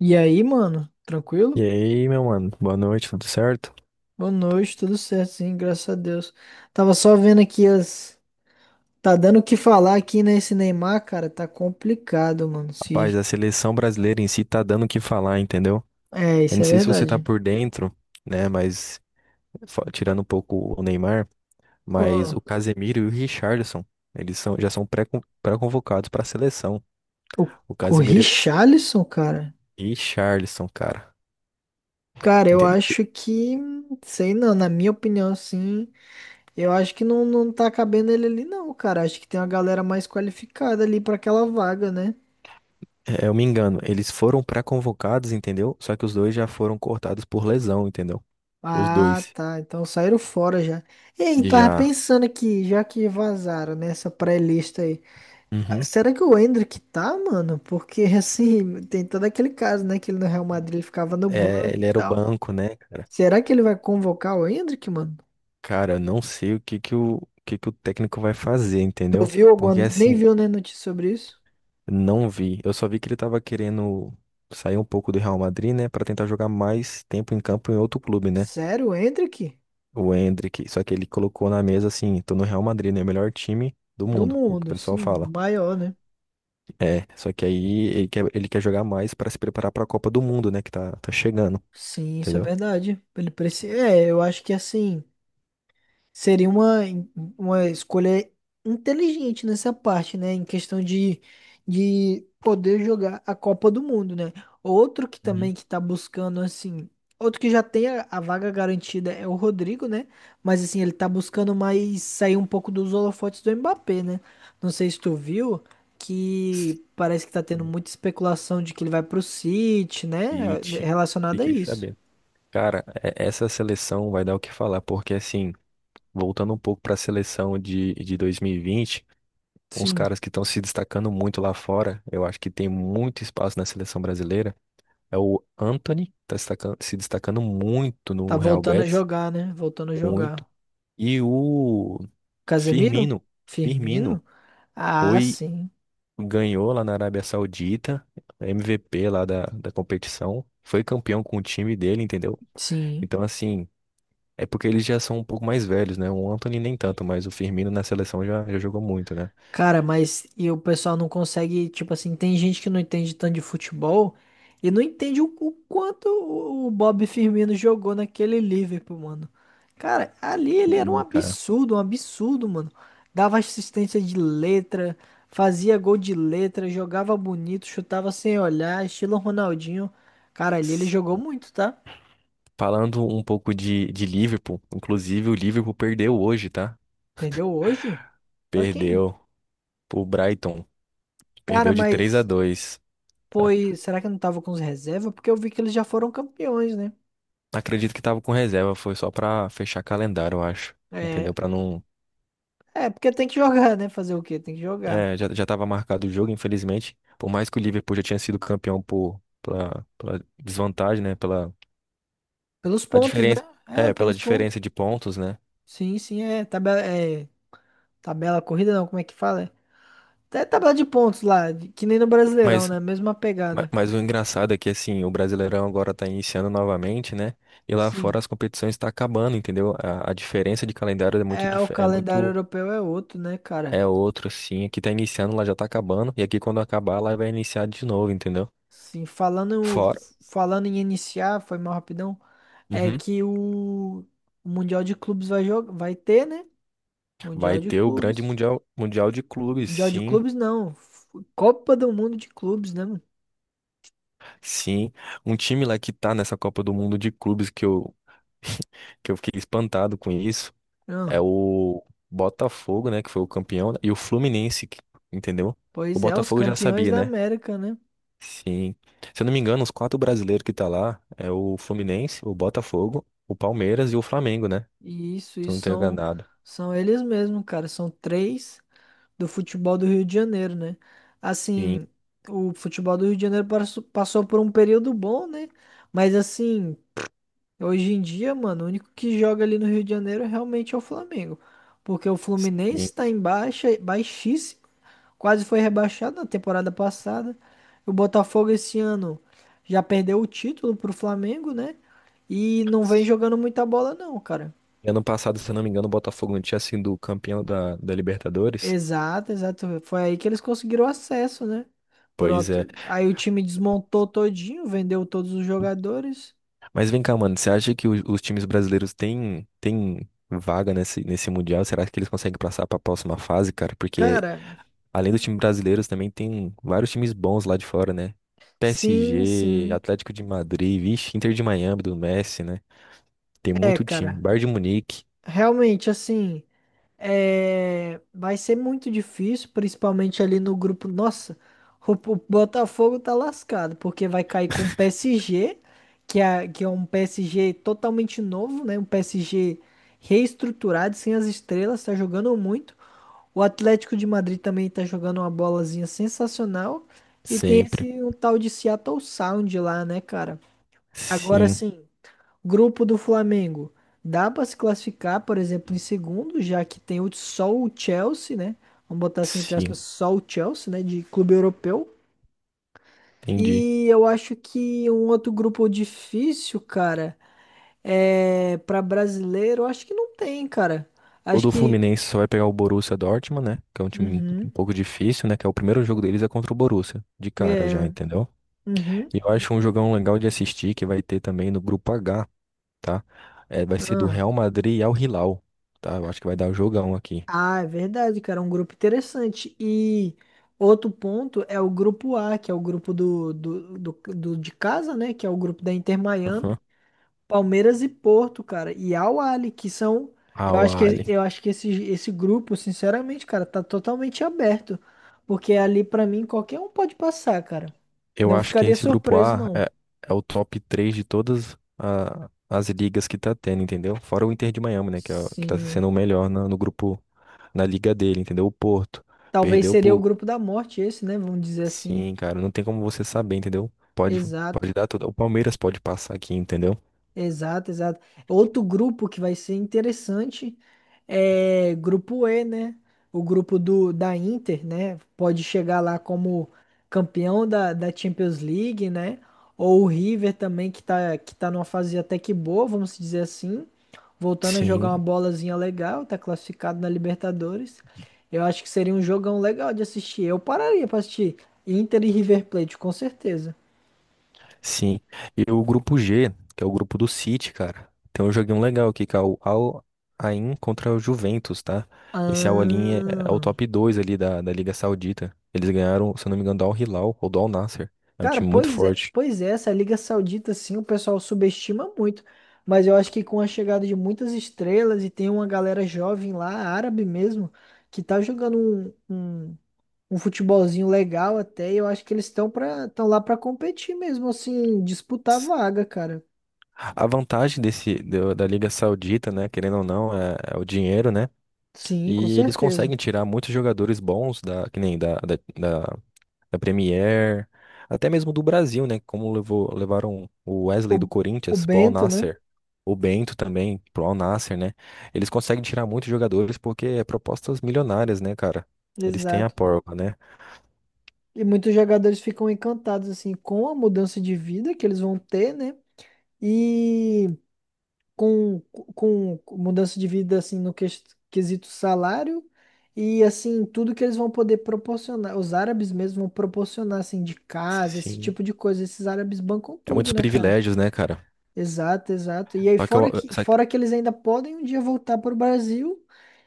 E aí, mano? E Tranquilo? aí, meu mano, boa noite, tudo certo? Boa noite, tudo certo, sim, graças a Deus. Tava só vendo aqui as. Tá dando o que falar aqui nesse Neymar, cara. Tá complicado, mano. Rapaz, Se... a seleção brasileira em si tá dando o que falar, entendeu? É, Eu isso não é sei se você tá verdade. por dentro, né, mas tirando um pouco o Neymar, mas o Ó. Casemiro e o Richarlison, já são pré-convocados pra seleção. O, O o Casemiro Richarlison, cara. e o Richarlison, cara, Cara, eu entendeu? acho que. Sei não, na minha opinião, sim. Eu acho que não, não tá cabendo ele ali, não, cara. Acho que tem uma galera mais qualificada ali pra aquela vaga, né? É, eu me engano, eles foram pré-convocados, entendeu? Só que os dois já foram cortados por lesão, entendeu? Os Ah, dois tá. Então saíram fora já. Ei, tava já. pensando aqui, já que vazaram nessa pré-lista aí. Uhum. Será que o Endrick tá, mano? Porque assim, tem todo aquele caso, né? Que ele no Real Madrid ele ficava no É, banco e ele era o tal. banco, né, cara? Será que ele vai convocar o Endrick, mano? Cara, eu não sei o que que o técnico vai fazer, Tu entendeu? viu alguma. Porque Nem assim, viu, né, notícia sobre isso? não vi. Eu só vi que ele tava querendo sair um pouco do Real Madrid, né, pra tentar jogar mais tempo em campo em outro clube, né? Sério, o Endrick? O Endrick, só que ele colocou na mesa assim, tô no Real Madrid, né, o melhor time do Do mundo, o que o mundo, pessoal sim, o fala. maior, né? É, só que aí ele quer jogar mais pra se preparar pra Copa do Mundo, né, que tá chegando, Sim, isso é entendeu? verdade. Ele precisa. É, eu acho que assim. Seria uma escolha inteligente nessa parte, né? Em questão de poder jogar a Copa do Mundo, né? Outro que também Uhum. que tá buscando, assim, outro que já tem a vaga garantida é o Rodrigo, né? Mas assim, ele tá buscando mais sair um pouco dos holofotes do Mbappé, né? Não sei se tu viu que parece que tá tendo muita especulação de que ele vai pro City, E né? ti- Relacionada a Fiquei isso. sabendo. Cara, essa seleção vai dar o que falar, porque assim, voltando um pouco para a seleção de 2020, uns Sim, caras que estão se destacando muito lá fora, eu acho que tem muito espaço na seleção brasileira, é o Antony, tá se destacando muito tá no Real voltando a Betis, jogar, né? Voltando a muito, jogar. e o Casemiro? Firmino, Firmino Firmino? Ah, foi, sim. ganhou lá na Arábia Saudita, MVP lá da competição, foi campeão com o time dele, entendeu? Sim. Então, assim, é porque eles já são um pouco mais velhos, né? O Anthony nem tanto, mas o Firmino na seleção já jogou muito, né? Cara, mas e o pessoal não consegue, tipo assim, tem gente que não entende tanto de futebol e não entende o quanto o Bob Firmino jogou naquele Liverpool, mano. Cara, ali ele era Sim, cara. Um absurdo, mano. Dava assistência de letra, fazia gol de letra, jogava bonito, chutava sem olhar, estilo Ronaldinho. Cara, ali ele Se- jogou muito, tá? Falando um pouco de Liverpool, inclusive o Liverpool perdeu hoje, tá? Perdeu hoje? Pra quem? Perdeu pro Brighton. Cara, Perdeu de 3 a mas 2. Tá? foi. Será que eu não tava com os reservas porque eu vi que eles já foram campeões, né? Acredito que tava com reserva, foi só pra fechar calendário, eu acho. Entendeu? É. Pra não. É, porque tem que jogar, né? Fazer o quê? Tem que jogar. É, já tava marcado o jogo, infelizmente. Por mais que o Liverpool já tinha sido campeão pela desvantagem, né? Pela Pelos a pontos, né? diferença, É, é, pela pelos pontos. diferença de pontos, né? Sim, sim, é. Tabela, é, tabela corrida, não, como é que fala? É. Até tabela de pontos lá, de- que nem no Brasileirão, Mas né? Mesma pegada. mas o engraçado é que, assim, o Brasileirão agora tá iniciando novamente, né? E lá Sim. fora as competições estão acabando, entendeu? A diferença de calendário é muito, É, o é calendário muito, europeu é outro, né, cara? é outro, assim. Aqui tá iniciando, lá já tá acabando. E aqui quando acabar, lá vai iniciar de novo, entendeu? Sim, falando, Fora. falando em iniciar, foi mal rapidão. É Uhum. que o Mundial de Clubes vai, jogar vai ter, né? Vai Mundial de ter o grande Clubes. mundial, mundial de clubes, Mundial de sim, clubes, não. F- Copa do Mundo de clubes, né, mano? sim. Um time lá que tá nessa Copa do Mundo de clubes que eu, que eu fiquei espantado com isso é Ah, o Botafogo, né, que foi o campeão, e o Fluminense, que- entendeu? O pois é, os Botafogo já campeões sabia, da né? América, né? Sim. Se eu não me engano, os quatro brasileiros que tá lá é o Fluminense, o Botafogo, o Palmeiras e o Flamengo, né? E isso, Se eu não isso tenho são, enganado. são eles mesmos, cara. São três do futebol do Rio de Janeiro, né? Sim, Assim, o futebol do Rio de Janeiro passou por um período bom, né? Mas assim, hoje em dia, mano, o único que joga ali no Rio de Janeiro realmente é o Flamengo. Porque o sim. Fluminense tá em baixa, baixíssimo. Quase foi rebaixado na temporada passada. O Botafogo esse ano já perdeu o título pro Flamengo, né? E não vem jogando muita bola, não, cara. E ano passado, se eu não me engano, o Botafogo não tinha sido campeão da Libertadores. Exato, exato. Foi aí que eles conseguiram acesso, né? Por Pois é. outro- Aí o time desmontou todinho, vendeu todos os jogadores. Mas vem cá, mano, você acha que os times brasileiros têm vaga nesse Mundial? Será que eles conseguem passar pra próxima fase, cara? Porque Cara, além do time brasileiro, também tem vários times bons lá de fora, né? sim, PSG, sim. Atlético de Madrid, vixe, Inter de Miami do Messi, né? Tem É, muito time. cara. Bayern de Munique, Realmente, assim. É, vai ser muito difícil, principalmente ali no grupo. Nossa, o Botafogo tá lascado, porque vai cair com o PSG, que é um PSG totalmente novo, né? Um PSG reestruturado, sem as estrelas, tá jogando muito. O Atlético de Madrid também tá jogando uma bolazinha sensacional. E tem esse sempre. um tal de Seattle Sound lá, né, cara? Agora Sim, sim. Grupo do Flamengo. Dá para se classificar, por exemplo, em segundo, já que tem o- só o Chelsea, né? Vamos botar assim, entre aspas, sim, só o Chelsea, né? De clube europeu. entendi. E eu acho que um outro grupo difícil, cara, é para brasileiro, eu acho que não tem, cara. O Acho do que. Fluminense só vai pegar o Borussia Dortmund, né? Que é um time Uhum. um pouco difícil, né? Que é o primeiro jogo deles é contra o Borussia, de cara já, É. entendeu? Uhum. E eu acho um jogão legal de assistir que vai ter também no grupo H, tá? É, vai ser do Ah. Real Madrid e Al Hilal, tá? Eu acho que vai dar o jogão aqui. Ah, é verdade, cara. É um grupo interessante. E outro ponto é o grupo A, que é o grupo do de casa, né? Que é o grupo da Inter Miami, Aham. Palmeiras e Porto, cara. E Al Ahly, que são. Eu Al acho que, Ahly. eu acho que esse grupo, sinceramente, cara, tá totalmente aberto. Porque ali, pra mim, qualquer um pode passar, cara. Eu Não acho que ficaria esse grupo surpreso, A não. é, é o top 3 de todas as ligas que tá tendo, entendeu? Fora o Inter de Miami, né? Que, é, que tá Sim. sendo o melhor no grupo, na liga dele, entendeu? O Porto Talvez perdeu seria o por. grupo da morte, esse, né? Vamos dizer assim. Sim, cara, não tem como você saber, entendeu? Pode, pode Exato. dar tudo. O Palmeiras pode passar aqui, entendeu? Exato, exato. Outro grupo que vai ser interessante é grupo E, né? O grupo do, da Inter, né? Pode chegar lá como campeão da Champions League, né? Ou o River também, que tá numa fase até que boa, vamos dizer assim. Voltando a jogar uma Sim. bolazinha legal, tá classificado na Libertadores. Eu acho que seria um jogão legal de assistir. Eu pararia pra assistir Inter e River Plate, com certeza. Sim. E o grupo G, que é o grupo do City, cara. Tem um joguinho legal aqui, que é o Al Ain contra o Juventus, tá? Esse Al Ain é, é o Ah. top 2 ali da Liga Saudita. Eles ganharam, se eu não me engano, do Al Hilal ou do Al Nassr. É um Cara, time muito pois é, forte. pois é, essa Liga Saudita, sim, o pessoal subestima muito. Mas eu acho que com a chegada de muitas estrelas e tem uma galera jovem lá, árabe mesmo, que tá jogando um, um, um futebolzinho legal até, e eu acho que eles estão para estão lá para competir mesmo, assim, disputar vaga, cara. A vantagem desse da Liga Saudita, né, querendo ou não, é, é o dinheiro, né? Sim, com E eles certeza. conseguem tirar muitos jogadores bons da, que nem da, da, da Premier, até mesmo do Brasil, né? Como levou, levaram o Wesley do O, o Corinthians pro Al Bento, né? Nassr, o Bento também pro Al Nassr, né? Eles conseguem tirar muitos jogadores porque é propostas milionárias, né, cara? Eles têm a Exato. porra, né? E muitos jogadores ficam encantados, assim, com a mudança de vida que eles vão ter, né? E com, com mudança de vida assim no quesito salário e assim tudo que eles vão poder proporcionar, os árabes mesmo vão proporcionar assim de casa, esse Sim. tipo de coisa, esses árabes bancam É muitos tudo, né, cara? privilégios, né, cara? Exato, exato. E aí Só que eu, fora que eles ainda podem um dia voltar pro Brasil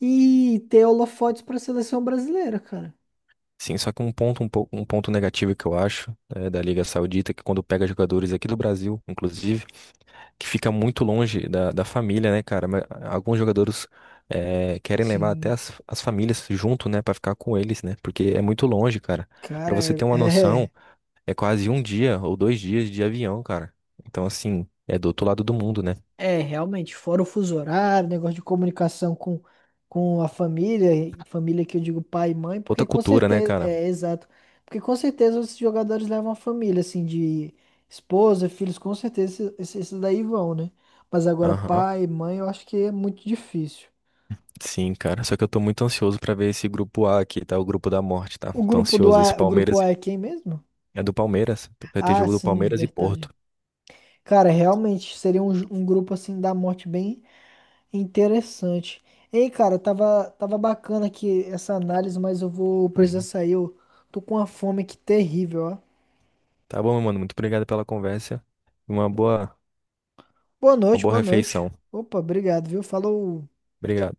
e ter holofotes para a seleção brasileira, cara. Sim, só que um ponto, um pouco, um ponto negativo que eu acho, né, da Liga Saudita, é que quando pega jogadores aqui do Brasil, inclusive, que fica muito longe da família, né, cara? Mas alguns jogadores querem levar até Sim, as famílias junto, né, pra ficar com eles, né? Porque é muito longe, cara. Pra cara, você ter uma é, noção, é quase um dia ou dois dias de avião, cara. Então, assim, é do outro lado do mundo, né? É, realmente, fora o fuso horário, negócio de comunicação com a família, e família que eu digo pai e mãe, porque Outra com cultura, né, certeza, cara? é, exato, porque com certeza os jogadores levam a família, assim, de esposa, filhos, com certeza esses daí vão, né? Mas agora Aham. pai, mãe, eu acho que é muito difícil. Sim, cara. Só que eu tô muito ansioso pra ver esse grupo A aqui, tá? O grupo da morte, tá? O Tô grupo do ansioso. Esse A, o grupo Palmeiras A é quem mesmo? é do Palmeiras. Vai ter Ah, jogo do sim, Palmeiras e verdade. Porto. Cara, realmente, seria um grupo, assim, da morte bem interessante. Ei, cara, tava bacana aqui essa análise, mas eu vou precisar Uhum. sair. Eu tô com uma fome aqui terrível, ó. Tá bom, meu mano. Muito obrigado pela conversa. Uma boa, Boa uma noite, boa boa noite. refeição. Opa, obrigado, viu? Falou. Obrigado.